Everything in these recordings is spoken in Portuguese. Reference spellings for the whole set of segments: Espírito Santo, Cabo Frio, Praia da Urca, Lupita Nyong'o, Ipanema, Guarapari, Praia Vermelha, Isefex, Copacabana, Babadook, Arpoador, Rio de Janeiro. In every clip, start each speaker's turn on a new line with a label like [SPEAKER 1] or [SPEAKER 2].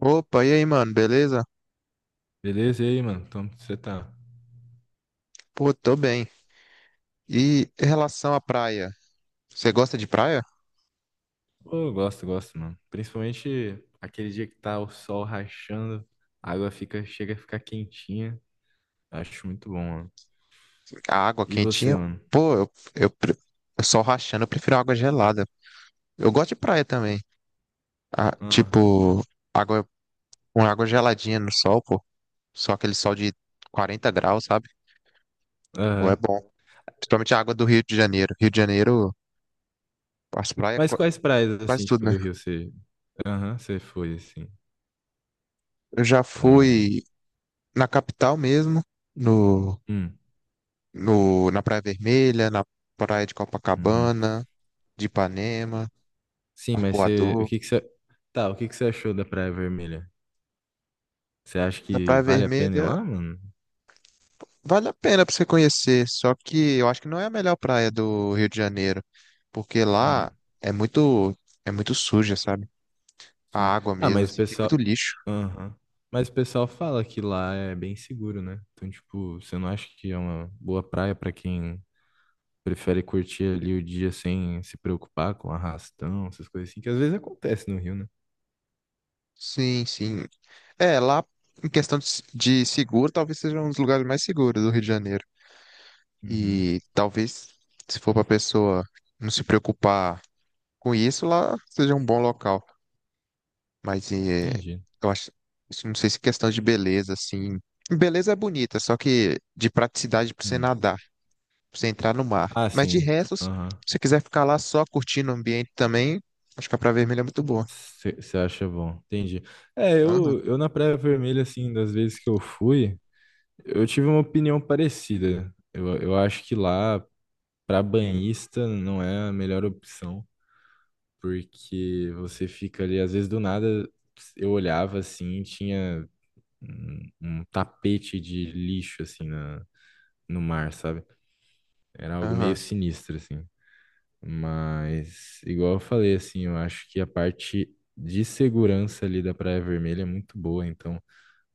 [SPEAKER 1] Opa, e aí, mano, beleza?
[SPEAKER 2] Beleza? E aí, mano? Como você tá?
[SPEAKER 1] Pô, tô bem. E em relação à praia, você gosta de praia?
[SPEAKER 2] Pô, eu gosto, gosto, mano. Principalmente aquele dia que tá o sol rachando, a água fica, chega a ficar quentinha. Acho muito bom, mano.
[SPEAKER 1] A água
[SPEAKER 2] E
[SPEAKER 1] quentinha?
[SPEAKER 2] você, mano?
[SPEAKER 1] Pô, eu só rachando, eu prefiro água gelada. Eu gosto de praia também. Ah,
[SPEAKER 2] Ah,
[SPEAKER 1] tipo, água, uma água geladinha no sol, pô. Só aquele sol de 40 graus, sabe? Pô, é
[SPEAKER 2] aham.
[SPEAKER 1] bom. Principalmente a água do Rio de Janeiro. Rio de Janeiro, as praias,
[SPEAKER 2] Mas quais praias,
[SPEAKER 1] quase
[SPEAKER 2] assim,
[SPEAKER 1] tudo,
[SPEAKER 2] tipo,
[SPEAKER 1] né?
[SPEAKER 2] do Rio você... Aham, você foi, assim,
[SPEAKER 1] Eu já
[SPEAKER 2] pra...
[SPEAKER 1] fui na capital mesmo, no,
[SPEAKER 2] Hum,
[SPEAKER 1] no, na Praia Vermelha, na Praia de
[SPEAKER 2] uhum.
[SPEAKER 1] Copacabana. De Ipanema,
[SPEAKER 2] Sim, mas você... O
[SPEAKER 1] Arpoador.
[SPEAKER 2] que que você... Tá, o que que você achou da Praia Vermelha? Você acha
[SPEAKER 1] Da
[SPEAKER 2] que
[SPEAKER 1] Praia
[SPEAKER 2] vale a pena ir
[SPEAKER 1] Vermelha,
[SPEAKER 2] lá, mano?
[SPEAKER 1] vale a pena para você conhecer, só que eu acho que não é a melhor praia do Rio de Janeiro, porque
[SPEAKER 2] Hum.
[SPEAKER 1] lá é muito, é muito suja, sabe? A
[SPEAKER 2] Sim.
[SPEAKER 1] água
[SPEAKER 2] Ah,
[SPEAKER 1] mesmo,
[SPEAKER 2] mas o
[SPEAKER 1] assim, tem muito
[SPEAKER 2] pessoal.
[SPEAKER 1] lixo.
[SPEAKER 2] Aham. Mas o pessoal fala que lá é bem seguro, né? Então, tipo, você não acha que é uma boa praia pra quem prefere curtir ali o dia sem se preocupar com arrastão, essas coisas assim, que às vezes acontece no Rio, né?
[SPEAKER 1] Sim, sim. É, lá em questão de, de seguro, talvez seja um dos lugares mais seguros do Rio de Janeiro.
[SPEAKER 2] Uhum.
[SPEAKER 1] E talvez, se for para pessoa não se preocupar com isso, lá seja um bom local. Mas
[SPEAKER 2] Entendi.
[SPEAKER 1] eu acho, isso não sei se é questão de beleza, assim. Beleza é bonita, só que de praticidade pra você
[SPEAKER 2] Hum.
[SPEAKER 1] nadar, pra você entrar no mar.
[SPEAKER 2] Ah,
[SPEAKER 1] Mas de
[SPEAKER 2] sim.
[SPEAKER 1] resto, se
[SPEAKER 2] Aham.
[SPEAKER 1] você quiser ficar lá só curtindo o ambiente também, acho que a Praia Vermelha é muito boa.
[SPEAKER 2] Você acha bom. Entendi. É,
[SPEAKER 1] Aham,
[SPEAKER 2] eu na Praia Vermelha, assim, das vezes que eu fui, eu tive uma opinião parecida. Eu acho que lá, pra banhista, não é a melhor opção. Porque você fica ali, às vezes do nada eu olhava assim, tinha um tapete de lixo assim no mar, sabe? Era algo meio
[SPEAKER 1] aham.
[SPEAKER 2] sinistro assim. Mas igual eu falei assim, eu acho que a parte de segurança ali da Praia Vermelha é muito boa, então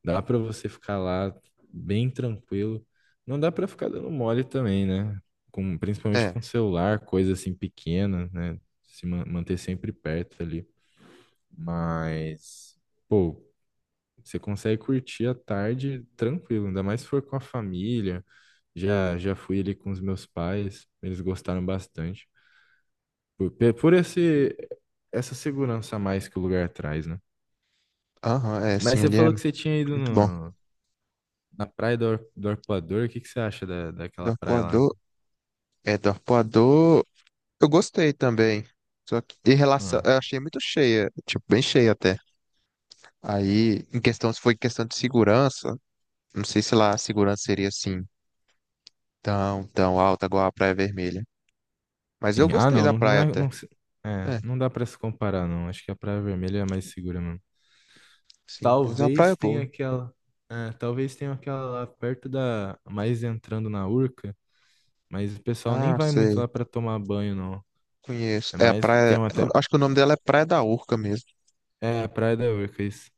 [SPEAKER 2] dá pra você ficar lá bem tranquilo. Não dá pra ficar dando mole também, né? Principalmente
[SPEAKER 1] É,
[SPEAKER 2] com celular, coisa assim pequena, né? Se manter sempre perto ali. Mas, pô, você consegue curtir a tarde tranquilo, ainda mais se for com a família. Já, já fui ali com os meus pais, eles gostaram bastante. Por, pe- por esse, Essa segurança a mais que o lugar traz, né?
[SPEAKER 1] aham, é, sim,
[SPEAKER 2] Mas você
[SPEAKER 1] ali é
[SPEAKER 2] falou que você tinha ido
[SPEAKER 1] muito bom.
[SPEAKER 2] no, na praia do Arpoador, o que que você acha da,
[SPEAKER 1] Do
[SPEAKER 2] daquela praia lá?
[SPEAKER 1] Arpoador, é, do Arpoador, eu gostei também. Só que em relação,
[SPEAKER 2] Ah,
[SPEAKER 1] eu achei muito cheia, tipo, bem cheia até. Aí, em questão, se foi questão de segurança, não sei se lá a segurança seria assim tão, tão alta igual a Praia Vermelha. Mas eu
[SPEAKER 2] tem, ah,
[SPEAKER 1] gostei
[SPEAKER 2] não,
[SPEAKER 1] da
[SPEAKER 2] não, não
[SPEAKER 1] praia
[SPEAKER 2] é.
[SPEAKER 1] até.
[SPEAKER 2] Não, é,
[SPEAKER 1] É,
[SPEAKER 2] não dá pra se comparar, não. Acho que a Praia Vermelha é a mais segura mesmo.
[SPEAKER 1] sim, mas é uma praia
[SPEAKER 2] Talvez
[SPEAKER 1] boa.
[SPEAKER 2] tenha aquela. É, talvez tenha aquela lá perto da. Mais entrando na Urca. Mas o pessoal nem
[SPEAKER 1] Ah,
[SPEAKER 2] vai muito
[SPEAKER 1] sei,
[SPEAKER 2] lá pra tomar banho, não.
[SPEAKER 1] conheço.
[SPEAKER 2] É
[SPEAKER 1] É a
[SPEAKER 2] mais. Tem
[SPEAKER 1] praia,
[SPEAKER 2] uma
[SPEAKER 1] eu
[SPEAKER 2] até.
[SPEAKER 1] acho que o nome dela é Praia da Urca mesmo.
[SPEAKER 2] É, a Praia da Urca, isso.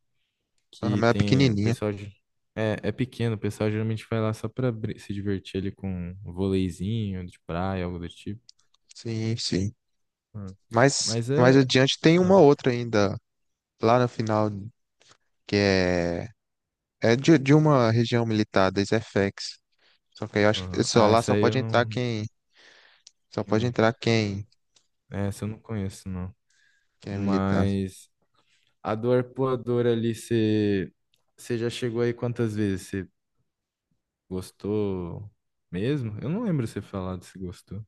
[SPEAKER 1] Aham,
[SPEAKER 2] Que
[SPEAKER 1] mas é
[SPEAKER 2] tem. O
[SPEAKER 1] pequenininha.
[SPEAKER 2] pessoal. É pequeno, o pessoal geralmente vai lá só pra se divertir ali com um voleizinho de praia, algo do tipo.
[SPEAKER 1] Sim, sim.
[SPEAKER 2] Ah,
[SPEAKER 1] Mas
[SPEAKER 2] mas
[SPEAKER 1] mais
[SPEAKER 2] é.
[SPEAKER 1] adiante tem uma
[SPEAKER 2] Ah,
[SPEAKER 1] outra ainda, lá no final, que é, é de uma região militar, da Isefex. Só que aí eu acho que
[SPEAKER 2] aham.
[SPEAKER 1] só,
[SPEAKER 2] Ah,
[SPEAKER 1] lá
[SPEAKER 2] essa
[SPEAKER 1] só
[SPEAKER 2] aí
[SPEAKER 1] pode
[SPEAKER 2] eu
[SPEAKER 1] entrar
[SPEAKER 2] não.
[SPEAKER 1] quem, só pode entrar quem,
[SPEAKER 2] É, essa eu não conheço, não.
[SPEAKER 1] quem é militar.
[SPEAKER 2] Mas. A do Arpoador ali, você já chegou aí quantas vezes? Você gostou mesmo? Eu não lembro você falar se gostou.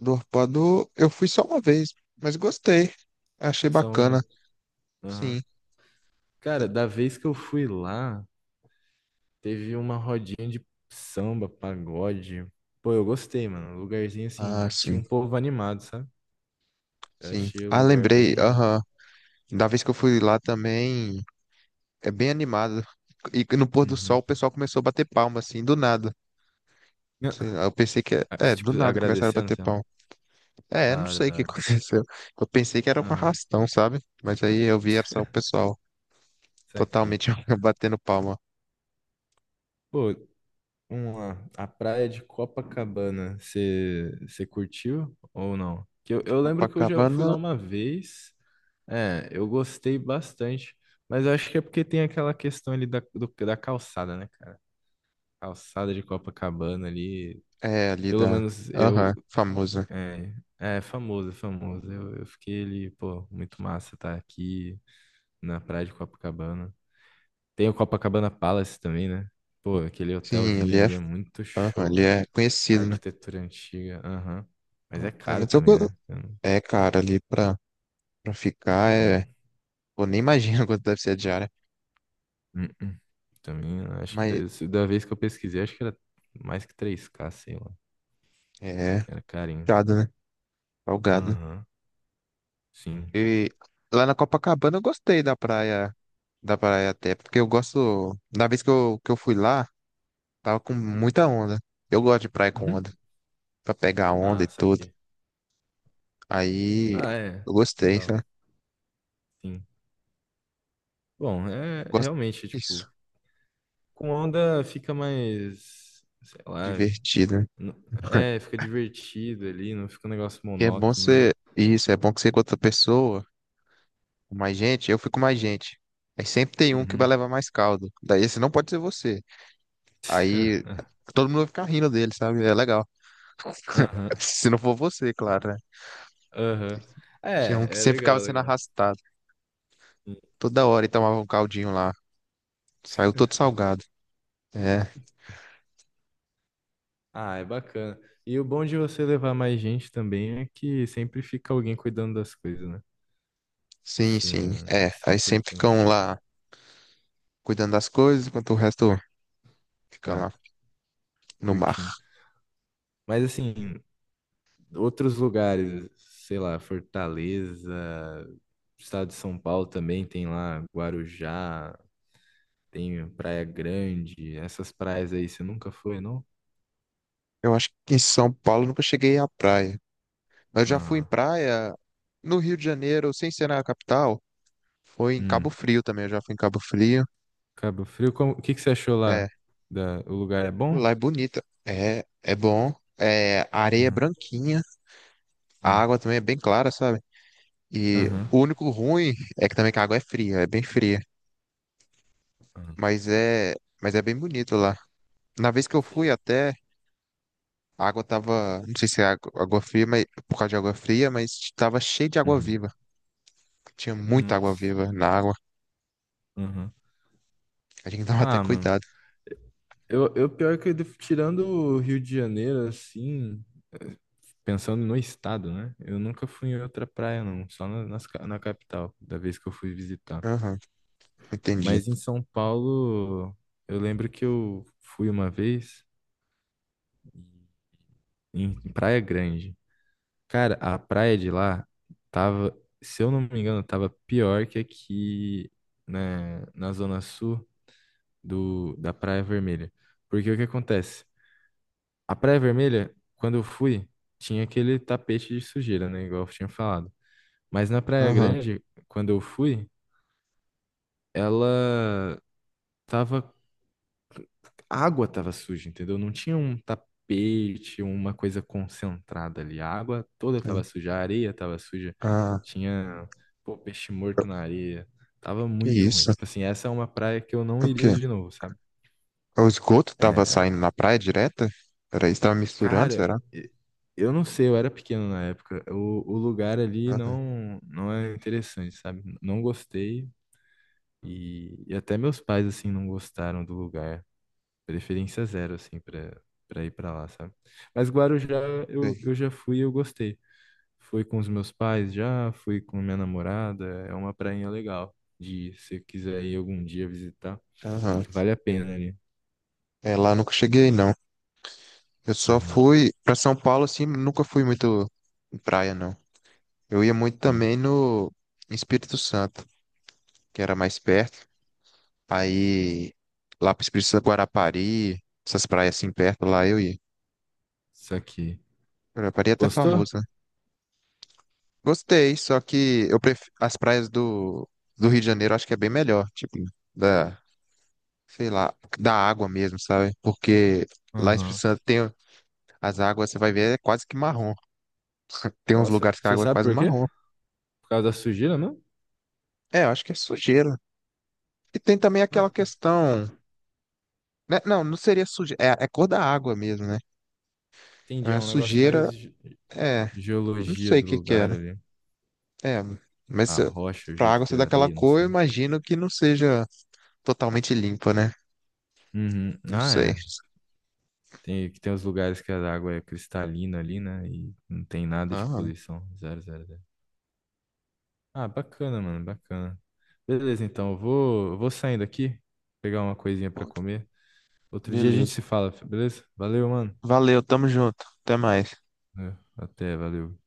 [SPEAKER 1] Do Arpoador, eu fui só uma vez, mas gostei. Achei
[SPEAKER 2] Só
[SPEAKER 1] bacana.
[SPEAKER 2] uma. Aham.
[SPEAKER 1] Sim.
[SPEAKER 2] Cara, da vez que eu fui lá, teve uma rodinha de samba, pagode. Pô, eu gostei, mano. Um lugarzinho
[SPEAKER 1] Ah,
[SPEAKER 2] assim, tinha
[SPEAKER 1] sim,
[SPEAKER 2] um povo animado, sabe? Eu
[SPEAKER 1] sim.
[SPEAKER 2] achei o
[SPEAKER 1] Ah,
[SPEAKER 2] lugar
[SPEAKER 1] lembrei,
[SPEAKER 2] bem.
[SPEAKER 1] aham. Da vez que eu fui lá também, é bem animado. E no pôr do sol
[SPEAKER 2] Uhum.
[SPEAKER 1] o pessoal começou a bater palma, assim, do nada. Sei lá, eu pensei que, é,
[SPEAKER 2] Ah,
[SPEAKER 1] é, do
[SPEAKER 2] tipo,
[SPEAKER 1] nada começaram a
[SPEAKER 2] agradecendo,
[SPEAKER 1] bater
[SPEAKER 2] sei lá.
[SPEAKER 1] palma.
[SPEAKER 2] Da
[SPEAKER 1] É, não
[SPEAKER 2] hora,
[SPEAKER 1] sei o
[SPEAKER 2] da
[SPEAKER 1] que
[SPEAKER 2] hora.
[SPEAKER 1] aconteceu. Eu pensei que era um
[SPEAKER 2] Aham.
[SPEAKER 1] arrastão, sabe? Mas aí eu vi só o pessoal
[SPEAKER 2] Isso aqui.
[SPEAKER 1] totalmente batendo palma.
[SPEAKER 2] Pô, vamos lá. A praia de Copacabana, você curtiu ou não? Que eu lembro que eu já fui
[SPEAKER 1] Copacabana
[SPEAKER 2] lá uma vez. É, eu gostei bastante. Mas eu acho que é porque tem aquela questão ali da calçada, né, cara? Calçada de Copacabana ali.
[SPEAKER 1] é ali
[SPEAKER 2] Pelo
[SPEAKER 1] da,
[SPEAKER 2] menos eu.
[SPEAKER 1] aham, famosa.
[SPEAKER 2] É, é famoso, é famoso. Eu fiquei ali, pô, muito massa estar aqui na praia de Copacabana. Tem o Copacabana Palace também, né? Pô, aquele
[SPEAKER 1] Sim,
[SPEAKER 2] hotelzinho
[SPEAKER 1] ele é,
[SPEAKER 2] ali é muito
[SPEAKER 1] aham,
[SPEAKER 2] show.
[SPEAKER 1] ele é
[SPEAKER 2] A
[SPEAKER 1] conhecido, né?
[SPEAKER 2] arquitetura antiga, aham. Mas é
[SPEAKER 1] É,
[SPEAKER 2] caro
[SPEAKER 1] mas eu,
[SPEAKER 2] também, né? Eu não-
[SPEAKER 1] é, cara, ali pra, pra ficar é.
[SPEAKER 2] Hum,
[SPEAKER 1] Pô, nem imagino quanto deve ser a diária.
[SPEAKER 2] hum. Também, eu acho que
[SPEAKER 1] Mas
[SPEAKER 2] da se- da vez que eu pesquisei, acho que era mais que 3K, sei lá.
[SPEAKER 1] é
[SPEAKER 2] Era carinho.
[SPEAKER 1] gado, né? Salgado.
[SPEAKER 2] Aham, sim.
[SPEAKER 1] E lá na Copacabana eu gostei da praia até, porque eu gosto. Na vez que eu fui lá, tava com muita onda. Eu gosto de praia com
[SPEAKER 2] Uhum.
[SPEAKER 1] onda, pra pegar onda
[SPEAKER 2] Ah,
[SPEAKER 1] e tudo.
[SPEAKER 2] saquei.
[SPEAKER 1] Aí
[SPEAKER 2] Ah, é.
[SPEAKER 1] eu gostei,
[SPEAKER 2] Legal.
[SPEAKER 1] sabe?
[SPEAKER 2] Sim. Bom, é
[SPEAKER 1] Gosto
[SPEAKER 2] realmente,
[SPEAKER 1] disso.
[SPEAKER 2] tipo, com onda fica mais, sei lá,
[SPEAKER 1] Divertido, né?
[SPEAKER 2] n- é, fica divertido ali, não fica um negócio
[SPEAKER 1] E é bom
[SPEAKER 2] monótono, né?
[SPEAKER 1] ser. Isso, é bom que você com outra pessoa, com mais gente, eu fico com mais gente. Aí sempre tem um que vai
[SPEAKER 2] Uhum.
[SPEAKER 1] levar mais caldo. Daí esse não pode ser você. Aí todo mundo vai ficar rindo dele, sabe? É legal.
[SPEAKER 2] Aham,
[SPEAKER 1] Se não for você, claro, né?
[SPEAKER 2] aham.
[SPEAKER 1] Tinha um que
[SPEAKER 2] É
[SPEAKER 1] sempre ficava
[SPEAKER 2] legal,
[SPEAKER 1] sendo
[SPEAKER 2] legal.
[SPEAKER 1] arrastado. Toda hora e tomava um caldinho lá. Saiu todo salgado. É,
[SPEAKER 2] Ah, é bacana. E o bom de você levar mais gente também é que sempre fica alguém cuidando das coisas, né?
[SPEAKER 1] sim, sim. É,
[SPEAKER 2] Isso é
[SPEAKER 1] aí sempre
[SPEAKER 2] importante,
[SPEAKER 1] ficam
[SPEAKER 2] né?
[SPEAKER 1] lá cuidando das coisas, enquanto o resto fica
[SPEAKER 2] Ah,
[SPEAKER 1] lá no mar.
[SPEAKER 2] curtindo. Mas assim, outros lugares, sei lá, Fortaleza, estado de São Paulo também tem lá Guarujá, tem Praia Grande, essas praias aí você nunca foi, não?
[SPEAKER 1] Eu acho que em São Paulo eu nunca cheguei à praia. Eu já fui em
[SPEAKER 2] Ah,
[SPEAKER 1] praia no Rio de Janeiro, sem ser na capital. Foi em Cabo
[SPEAKER 2] hum.
[SPEAKER 1] Frio também, eu já fui em Cabo Frio.
[SPEAKER 2] Cabo Frio, o que que você achou
[SPEAKER 1] É,
[SPEAKER 2] lá? O lugar é
[SPEAKER 1] pô, lá
[SPEAKER 2] bom?
[SPEAKER 1] é bonita. É, é bom. É, a areia é
[SPEAKER 2] Uhum.
[SPEAKER 1] branquinha. A
[SPEAKER 2] Sim.
[SPEAKER 1] água também é bem clara, sabe? E
[SPEAKER 2] Aham.
[SPEAKER 1] o único ruim é que também que a água é fria, é bem fria.
[SPEAKER 2] Aham.
[SPEAKER 1] Mas é, mas é bem bonito lá. Na vez que eu
[SPEAKER 2] Sim.
[SPEAKER 1] fui até, a água tava, não sei se é água, água fria, mas por causa de água fria, mas tava cheio de água
[SPEAKER 2] Uhum.
[SPEAKER 1] viva. Tinha muita água
[SPEAKER 2] Nossa.
[SPEAKER 1] viva na água.
[SPEAKER 2] Aham.
[SPEAKER 1] A gente tava até
[SPEAKER 2] Ah, mano.
[SPEAKER 1] cuidado.
[SPEAKER 2] Eu pior que tirando o Rio de Janeiro, assim, eh, pensando no estado, né? Eu nunca fui em outra praia, não. Só na capital, da vez que eu fui visitar.
[SPEAKER 1] Aham, entendi.
[SPEAKER 2] Mas em São Paulo, eu lembro que eu fui uma vez em Praia Grande. Cara, a praia de lá tava, se eu não me engano, tava pior que aqui, né, na zona sul da Praia Vermelha. Porque o que acontece? A Praia Vermelha, quando eu fui, tinha aquele tapete de sujeira, né? Igual eu tinha falado. Mas na Praia
[SPEAKER 1] Aham.
[SPEAKER 2] Grande, quando eu fui, ela tava. A água tava suja, entendeu? Não tinha um tapete, uma coisa concentrada ali. A água toda
[SPEAKER 1] Sim.
[SPEAKER 2] tava suja, a areia tava suja,
[SPEAKER 1] Ah,
[SPEAKER 2] tinha, pô, peixe morto na areia. Tava
[SPEAKER 1] que
[SPEAKER 2] muito ruim.
[SPEAKER 1] isso?
[SPEAKER 2] Tipo assim, essa é uma praia que eu não
[SPEAKER 1] O
[SPEAKER 2] iria
[SPEAKER 1] quê?
[SPEAKER 2] de novo, sabe?
[SPEAKER 1] O esgoto tava
[SPEAKER 2] É,
[SPEAKER 1] saindo na praia direta? Era isso, tava misturando,
[SPEAKER 2] cara,
[SPEAKER 1] será?
[SPEAKER 2] eu não sei, eu era pequeno na época. O lugar ali
[SPEAKER 1] Aham.
[SPEAKER 2] não é interessante, sabe? Não gostei e até meus pais assim não gostaram do lugar. Preferência zero assim para ir para lá, sabe? Mas Guarujá eu,
[SPEAKER 1] Sei.
[SPEAKER 2] eu já fui e eu gostei. Fui com os meus pais já, fui com minha namorada, é uma prainha legal de ir, se quiser ir algum dia visitar,
[SPEAKER 1] Aham.
[SPEAKER 2] vale a pena ali.
[SPEAKER 1] É, lá eu nunca cheguei, não. Eu só
[SPEAKER 2] Uhum,
[SPEAKER 1] fui pra São Paulo, assim, nunca fui muito em praia, não. Eu ia muito
[SPEAKER 2] sim.
[SPEAKER 1] também no em Espírito Santo, que era mais perto. Aí, lá pro Espírito Santo, Guarapari, essas praias assim perto, lá eu ia.
[SPEAKER 2] Isso aqui.
[SPEAKER 1] Guarapari é até
[SPEAKER 2] Gostou?
[SPEAKER 1] famoso, né? Gostei, só que eu prefiro as praias do, do Rio de Janeiro, acho que é bem melhor, tipo, da, sei lá, da água mesmo, sabe? Porque lá em Espírito
[SPEAKER 2] Aham.
[SPEAKER 1] Santo tem as águas, você vai ver, é quase que marrom. Tem uns
[SPEAKER 2] Nossa,
[SPEAKER 1] lugares que a
[SPEAKER 2] você
[SPEAKER 1] água é
[SPEAKER 2] sabe
[SPEAKER 1] quase
[SPEAKER 2] por quê?
[SPEAKER 1] marrom.
[SPEAKER 2] Por causa da sujeira, não?
[SPEAKER 1] É, eu acho que é sujeira. E tem também aquela questão, né? Não, não seria sujeira, é, é cor da água mesmo, né?
[SPEAKER 2] Entendi, é
[SPEAKER 1] É
[SPEAKER 2] um negócio mais
[SPEAKER 1] sujeira, é, não
[SPEAKER 2] geologia
[SPEAKER 1] sei o
[SPEAKER 2] do
[SPEAKER 1] que que
[SPEAKER 2] lugar
[SPEAKER 1] era.
[SPEAKER 2] ali.
[SPEAKER 1] É,
[SPEAKER 2] A
[SPEAKER 1] mas
[SPEAKER 2] rocha, o
[SPEAKER 1] pra
[SPEAKER 2] jeito
[SPEAKER 1] água
[SPEAKER 2] que
[SPEAKER 1] ser
[SPEAKER 2] é a
[SPEAKER 1] daquela
[SPEAKER 2] areia, não
[SPEAKER 1] cor, eu
[SPEAKER 2] sei.
[SPEAKER 1] imagino que não seja totalmente limpa, né?
[SPEAKER 2] Uhum.
[SPEAKER 1] Não
[SPEAKER 2] Ah,
[SPEAKER 1] sei.
[SPEAKER 2] é. Que tem os lugares que a água é cristalina ali, né? E não tem nada de
[SPEAKER 1] Ah,
[SPEAKER 2] poluição. Zero, zero, zero. Ah, bacana, mano, bacana. Beleza, então, eu vou saindo aqui, pegar uma coisinha pra
[SPEAKER 1] pô,
[SPEAKER 2] comer. Outro dia a gente
[SPEAKER 1] beleza.
[SPEAKER 2] se fala, beleza? Valeu, mano.
[SPEAKER 1] Valeu, tamo junto. Até mais.
[SPEAKER 2] É, até, valeu.